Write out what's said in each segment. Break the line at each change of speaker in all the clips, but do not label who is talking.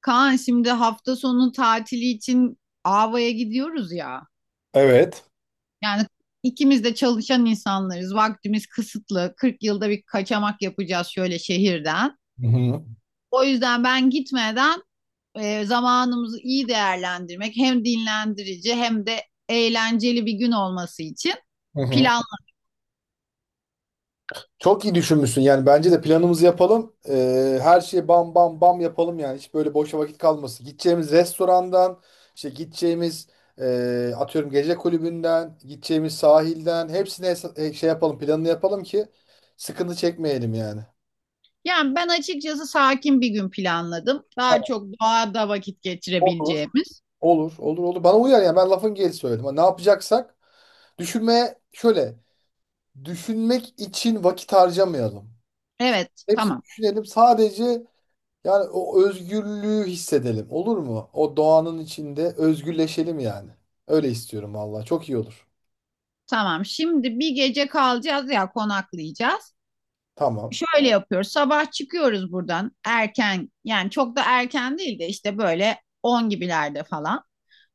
Kaan şimdi hafta sonu tatili için Ava'ya gidiyoruz ya.
Evet.
Yani ikimiz de çalışan insanlarız. Vaktimiz kısıtlı. 40 yılda bir kaçamak yapacağız şöyle şehirden.
Hı hı.
O yüzden ben gitmeden zamanımızı iyi değerlendirmek hem dinlendirici hem de eğlenceli bir gün olması için
Hı hı.
planladım.
Çok iyi düşünmüşsün, yani bence de planımızı yapalım. Her şeyi bam bam bam yapalım, yani hiç böyle boşa vakit kalmasın. Gideceğimiz restorandan, işte gideceğimiz, atıyorum gece kulübünden, gideceğimiz sahilden hepsine şey yapalım, planını yapalım ki sıkıntı çekmeyelim yani.
Yani ben açıkçası sakin bir gün planladım. Daha
Tamam,
çok doğada vakit
olur.
geçirebileceğimiz.
Olur olur olur, bana uyar, yani ben lafın gelişi söyledim. Hani ne yapacaksak düşünmeye şöyle düşünmek için vakit harcamayalım.
Evet,
Hepsini
tamam.
düşünelim sadece. Yani o özgürlüğü hissedelim. Olur mu? O doğanın içinde özgürleşelim yani. Öyle istiyorum valla. Çok iyi olur.
Tamam. Şimdi bir gece kalacağız ya konaklayacağız.
Tamam.
Şöyle yapıyoruz. Sabah çıkıyoruz buradan erken. Yani çok da erken değil de işte böyle 10 gibilerde falan.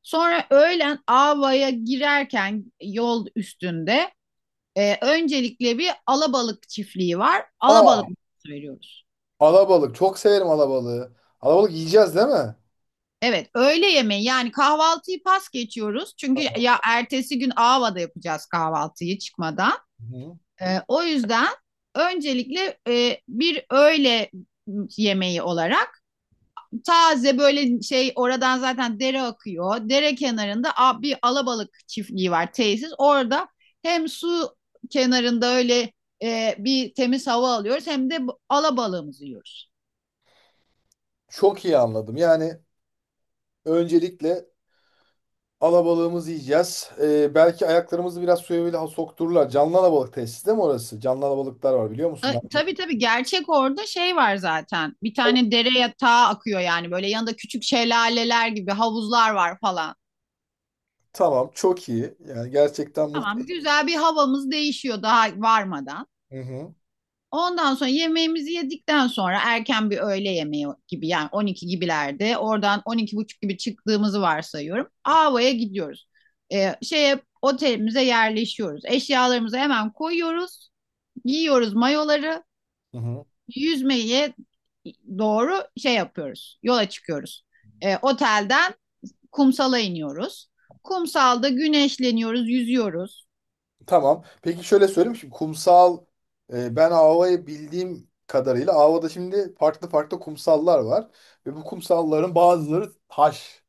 Sonra öğlen Ava'ya girerken yol üstünde öncelikle bir alabalık çiftliği var.
Aa,
Alabalık menüsü veriyoruz.
alabalık. Çok severim alabalığı. Alabalık yiyeceğiz değil mi?
Evet, öğle yemeği yani kahvaltıyı pas geçiyoruz. Çünkü
Tamam.
ya ertesi gün Ava'da yapacağız kahvaltıyı çıkmadan.
Hı.
O yüzden öncelikle bir öğle yemeği olarak taze böyle şey oradan zaten dere akıyor. Dere kenarında bir alabalık çiftliği var tesis. Orada hem su kenarında öyle bir temiz hava alıyoruz hem de alabalığımızı yiyoruz.
Çok iyi anladım. Yani öncelikle alabalığımızı yiyeceğiz. Belki ayaklarımızı biraz suya bile soktururlar. Canlı alabalık tesisi değil mi orası? Canlı alabalıklar var biliyor musun?
Tabii tabii gerçek orada şey var zaten. Bir tane dere yatağı akıyor yani böyle yanında küçük şelaleler gibi havuzlar var falan.
Tamam. Çok iyi. Yani gerçekten
Tamam
muhteşem.
güzel bir havamız değişiyor daha varmadan.
Hı hı.
Ondan sonra yemeğimizi yedikten sonra erken bir öğle yemeği gibi yani 12 gibilerde oradan 12 buçuk gibi çıktığımızı varsayıyorum. Ava'ya gidiyoruz. Şeye otelimize yerleşiyoruz. Eşyalarımızı hemen koyuyoruz. Giyiyoruz mayoları.
Hı hı.
Yüzmeye doğru şey yapıyoruz. Yola çıkıyoruz. Otelden kumsala iniyoruz. Kumsalda güneşleniyoruz, yüzüyoruz.
Tamam. Peki, şöyle söyleyeyim. Şimdi kumsal, ben Ava'yı bildiğim kadarıyla Ava'da şimdi farklı farklı kumsallar var. Ve bu kumsalların bazıları taş.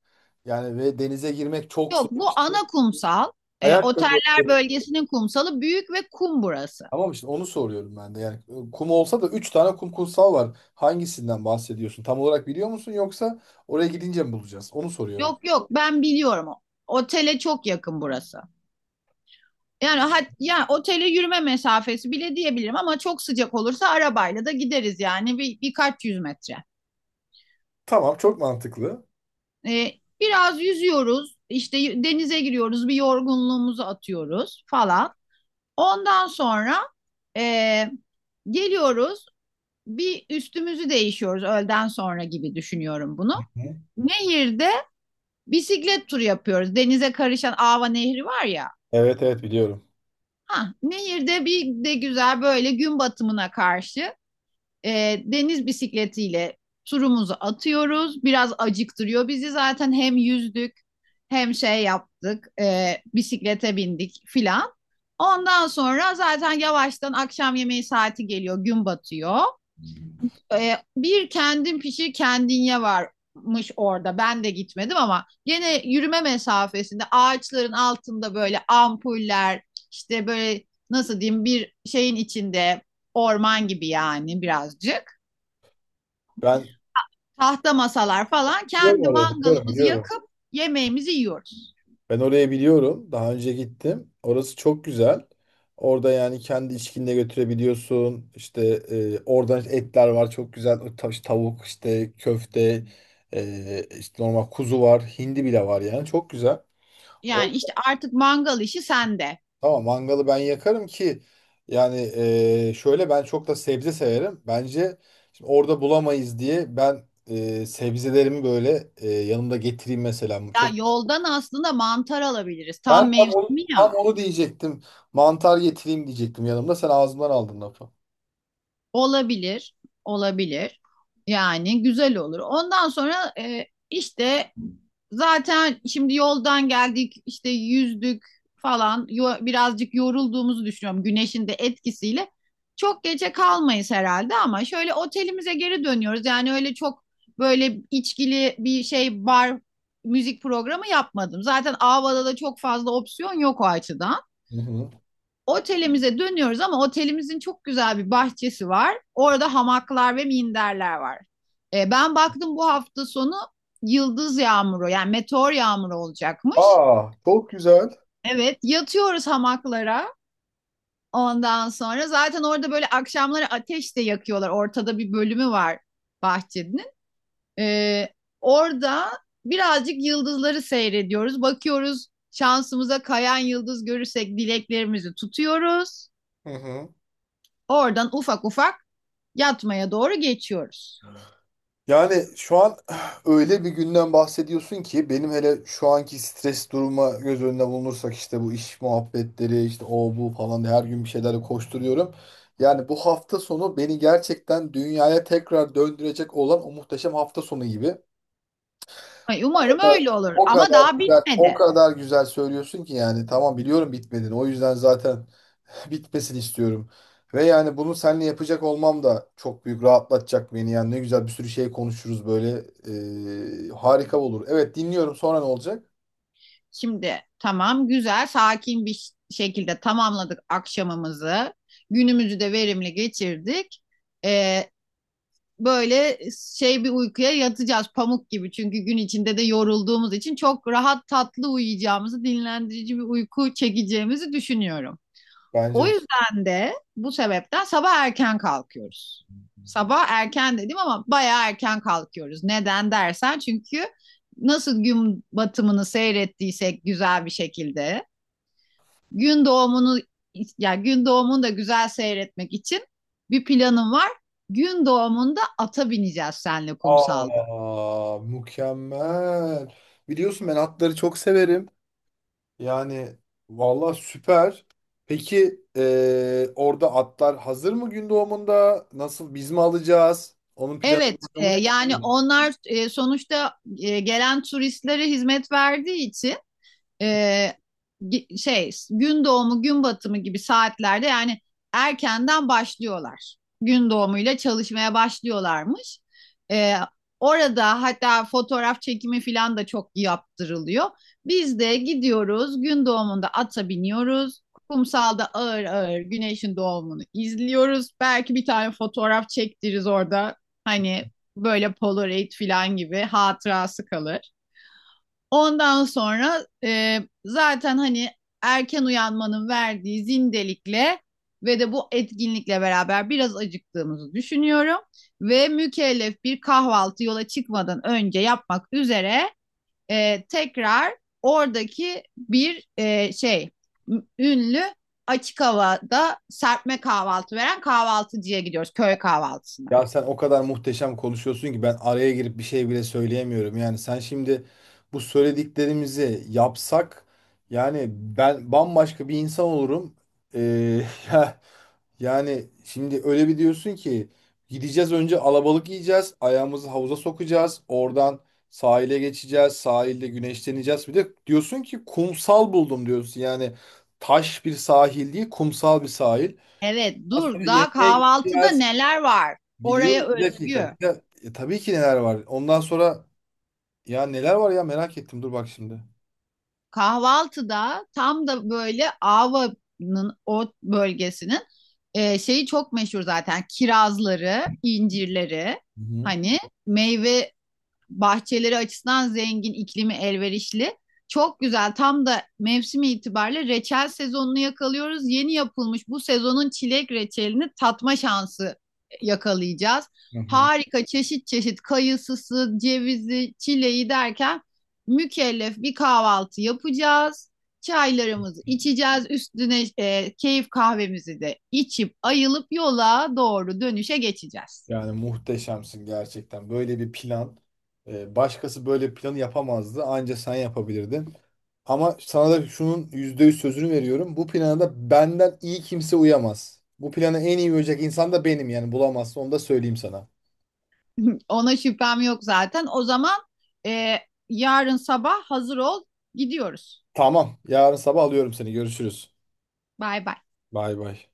Yani ve denize girmek çok zor.
Yok bu
İşte
ana kumsal. E,
ayakkabı.
oteller bölgesinin kumsalı büyük ve kum burası.
Tamam, işte onu soruyorum ben de. Yani kum olsa da 3 tane kum kumsal var. Hangisinden bahsediyorsun? Tam olarak biliyor musun, yoksa oraya gidince mi bulacağız? Onu soruyorum.
Yok yok ben biliyorum. Otele çok yakın burası. Yani ya otele yürüme mesafesi bile diyebilirim ama çok sıcak olursa arabayla da gideriz yani birkaç yüz metre.
Tamam, çok mantıklı.
Ee, biraz yüzüyoruz işte denize giriyoruz bir yorgunluğumuzu atıyoruz falan. Ondan sonra ee, geliyoruz bir üstümüzü değişiyoruz öğleden sonra gibi düşünüyorum bunu.
Hı.
Nehirde bisiklet turu yapıyoruz. Denize karışan Ava Nehri var ya.
Evet evet biliyorum.
Ha, nehirde bir de güzel böyle gün batımına karşı deniz bisikletiyle turumuzu atıyoruz. Biraz acıktırıyor bizi zaten hem yüzdük hem şey yaptık bisiklete bindik filan. Ondan sonra zaten yavaştan akşam yemeği saati geliyor gün batıyor bir kendin pişir kendin ye varmış orada. Ben de gitmedim ama gene yürüme mesafesinde ağaçların altında böyle ampuller işte böyle nasıl diyeyim bir şeyin içinde orman gibi yani birazcık.
Ben
Tahta masalar falan
biliyorum
kendi
orayı, biliyorum
mangalımızı
biliyorum.
yakıp yemeğimizi yiyoruz.
Ben oraya biliyorum. Daha önce gittim. Orası çok güzel. Orada yani kendi içkinle götürebiliyorsun. İşte oradan etler var çok güzel. Tavuk, işte köfte, işte normal kuzu var. Hindi bile var yani çok güzel. O,
Yani işte artık mangal işi sende.
tamam, mangalı ben yakarım ki, yani şöyle, ben çok da sebze severim. Bence şimdi orada bulamayız diye ben sebzelerimi böyle yanımda getireyim mesela.
Ya yoldan aslında mantar alabiliriz.
Ben
Tam
tam onu,
mevsimi
tam
ya.
onu diyecektim. Mantar getireyim diyecektim yanımda. Sen ağzımdan aldın lafı.
Olabilir, olabilir. Yani güzel olur. Ondan sonra işte zaten şimdi yoldan geldik, işte yüzdük falan. Birazcık yorulduğumuzu düşünüyorum güneşin de etkisiyle. Çok gece kalmayız herhalde ama şöyle otelimize geri dönüyoruz. Yani öyle çok böyle içkili bir şey bar müzik programı yapmadım. Zaten Ava'da da çok fazla opsiyon yok o açıdan.
Hı hı.
Otelimize dönüyoruz ama otelimizin çok güzel bir bahçesi var. Orada hamaklar ve minderler var. Ben baktım bu hafta sonu yıldız yağmuru yani meteor yağmuru olacakmış.
Aa, çok güzel.
Evet yatıyoruz hamaklara. Ondan sonra zaten orada böyle akşamları ateş de yakıyorlar. Ortada bir bölümü var bahçenin. E, orada birazcık yıldızları seyrediyoruz. Bakıyoruz şansımıza kayan yıldız görürsek dileklerimizi tutuyoruz.
Hı hı.
Oradan ufak ufak yatmaya doğru geçiyoruz.
Yani şu an öyle bir günden bahsediyorsun ki benim, hele şu anki stres duruma göz önüne bulunursak, işte bu iş muhabbetleri, işte o bu falan diye, her gün bir şeylerle koşturuyorum. Yani bu hafta sonu beni gerçekten dünyaya tekrar döndürecek olan o muhteşem hafta sonu gibi. O
Umarım
kadar,
öyle olur
o
ama
kadar
daha
güzel, o
bitmedi.
kadar güzel söylüyorsun ki yani, tamam, biliyorum bitmediğini. O yüzden zaten bitmesini istiyorum. Ve yani bunu seninle yapacak olmam da çok büyük rahatlatacak beni. Yani ne güzel, bir sürü şey konuşuruz böyle. Harika olur. Evet, dinliyorum. Sonra ne olacak?
Şimdi tamam güzel sakin bir şekilde tamamladık akşamımızı. Günümüzü de verimli geçirdik. Ee, böyle şey bir uykuya yatacağız pamuk gibi. Çünkü gün içinde de yorulduğumuz için çok rahat tatlı uyuyacağımızı, dinlendirici bir uyku çekeceğimizi düşünüyorum. O
Bence de.
yüzden de bu sebepten sabah erken kalkıyoruz. Sabah erken dedim ama bayağı erken kalkıyoruz. Neden dersen çünkü nasıl gün batımını seyrettiysek güzel bir şekilde gün doğumunu yani gün doğumunu da güzel seyretmek için bir planım var. Gün doğumunda ata bineceğiz senle kumsalda.
Aa, mükemmel. Biliyorsun ben atları çok severim. Yani valla süper. Peki, orada atlar hazır mı gün doğumunda? Nasıl, biz mi alacağız? Onun planı
Evet,
programı ne?
yani onlar sonuçta gelen turistlere hizmet verdiği için Ee, şey gün doğumu gün batımı gibi saatlerde yani erkenden başlıyorlar. Gün doğumuyla çalışmaya başlıyorlarmış. Ee, orada hatta fotoğraf çekimi falan da çok yaptırılıyor. Biz de gidiyoruz gün doğumunda ata biniyoruz. Kumsalda ağır ağır güneşin doğumunu izliyoruz. Belki bir tane fotoğraf çektiririz orada. Hani böyle Polaroid falan gibi hatırası kalır. Ondan sonra zaten hani erken uyanmanın verdiği zindelikle ve de bu etkinlikle beraber biraz acıktığımızı düşünüyorum. Ve mükellef bir kahvaltı yola çıkmadan önce yapmak üzere tekrar oradaki bir şey ünlü açık havada serpme kahvaltı veren kahvaltıcıya gidiyoruz köy kahvaltısına.
Ya sen o kadar muhteşem konuşuyorsun ki ben araya girip bir şey bile söyleyemiyorum. Yani sen şimdi bu söylediklerimizi yapsak, yani ben bambaşka bir insan olurum. Ee, ya- yani şimdi öyle bir diyorsun ki gideceğiz önce alabalık yiyeceğiz, ayağımızı havuza sokacağız, oradan sahile geçeceğiz, sahilde güneşleneceğiz. Bir de diyorsun ki kumsal buldum diyorsun. Yani taş bir sahil değil, kumsal bir sahil.
Evet,
Ondan sonra
dur. Daha
yemeğe
kahvaltıda
gideceğiz.
neler var? Oraya
Biliyorum. Bir dakika. Bir
özgü.
de- e, tabii ki neler var. Ondan sonra ya neler var, ya merak ettim. Dur bak şimdi.
Kahvaltıda tam da böyle Ava'nın o bölgesinin şeyi çok meşhur zaten. Kirazları, incirleri,
Hı hı.
hani meyve bahçeleri açısından zengin, iklimi elverişli. Çok güzel. Tam da mevsimi itibariyle reçel sezonunu yakalıyoruz. Yeni yapılmış bu sezonun çilek reçelini tatma şansı yakalayacağız.
Hı hı.
Harika çeşit çeşit kayısısı, cevizi, çileği derken mükellef bir kahvaltı yapacağız. Çaylarımızı içeceğiz. Üstüne keyif kahvemizi de içip ayılıp yola doğru dönüşe geçeceğiz.
Yani muhteşemsin gerçekten. Böyle bir plan. Başkası böyle bir planı yapamazdı. Anca sen yapabilirdin. Ama sana da şunun %100 sözünü veriyorum. Bu plana da benden iyi kimse uyamaz. Bu plana en iyi uyacak insan da benim, yani bulamazsın. Onu da söyleyeyim sana.
Ona şüphem yok zaten. O zaman e, yarın sabah hazır ol. Gidiyoruz.
Tamam. Yarın sabah alıyorum seni. Görüşürüz.
Bay bay.
Bay bay.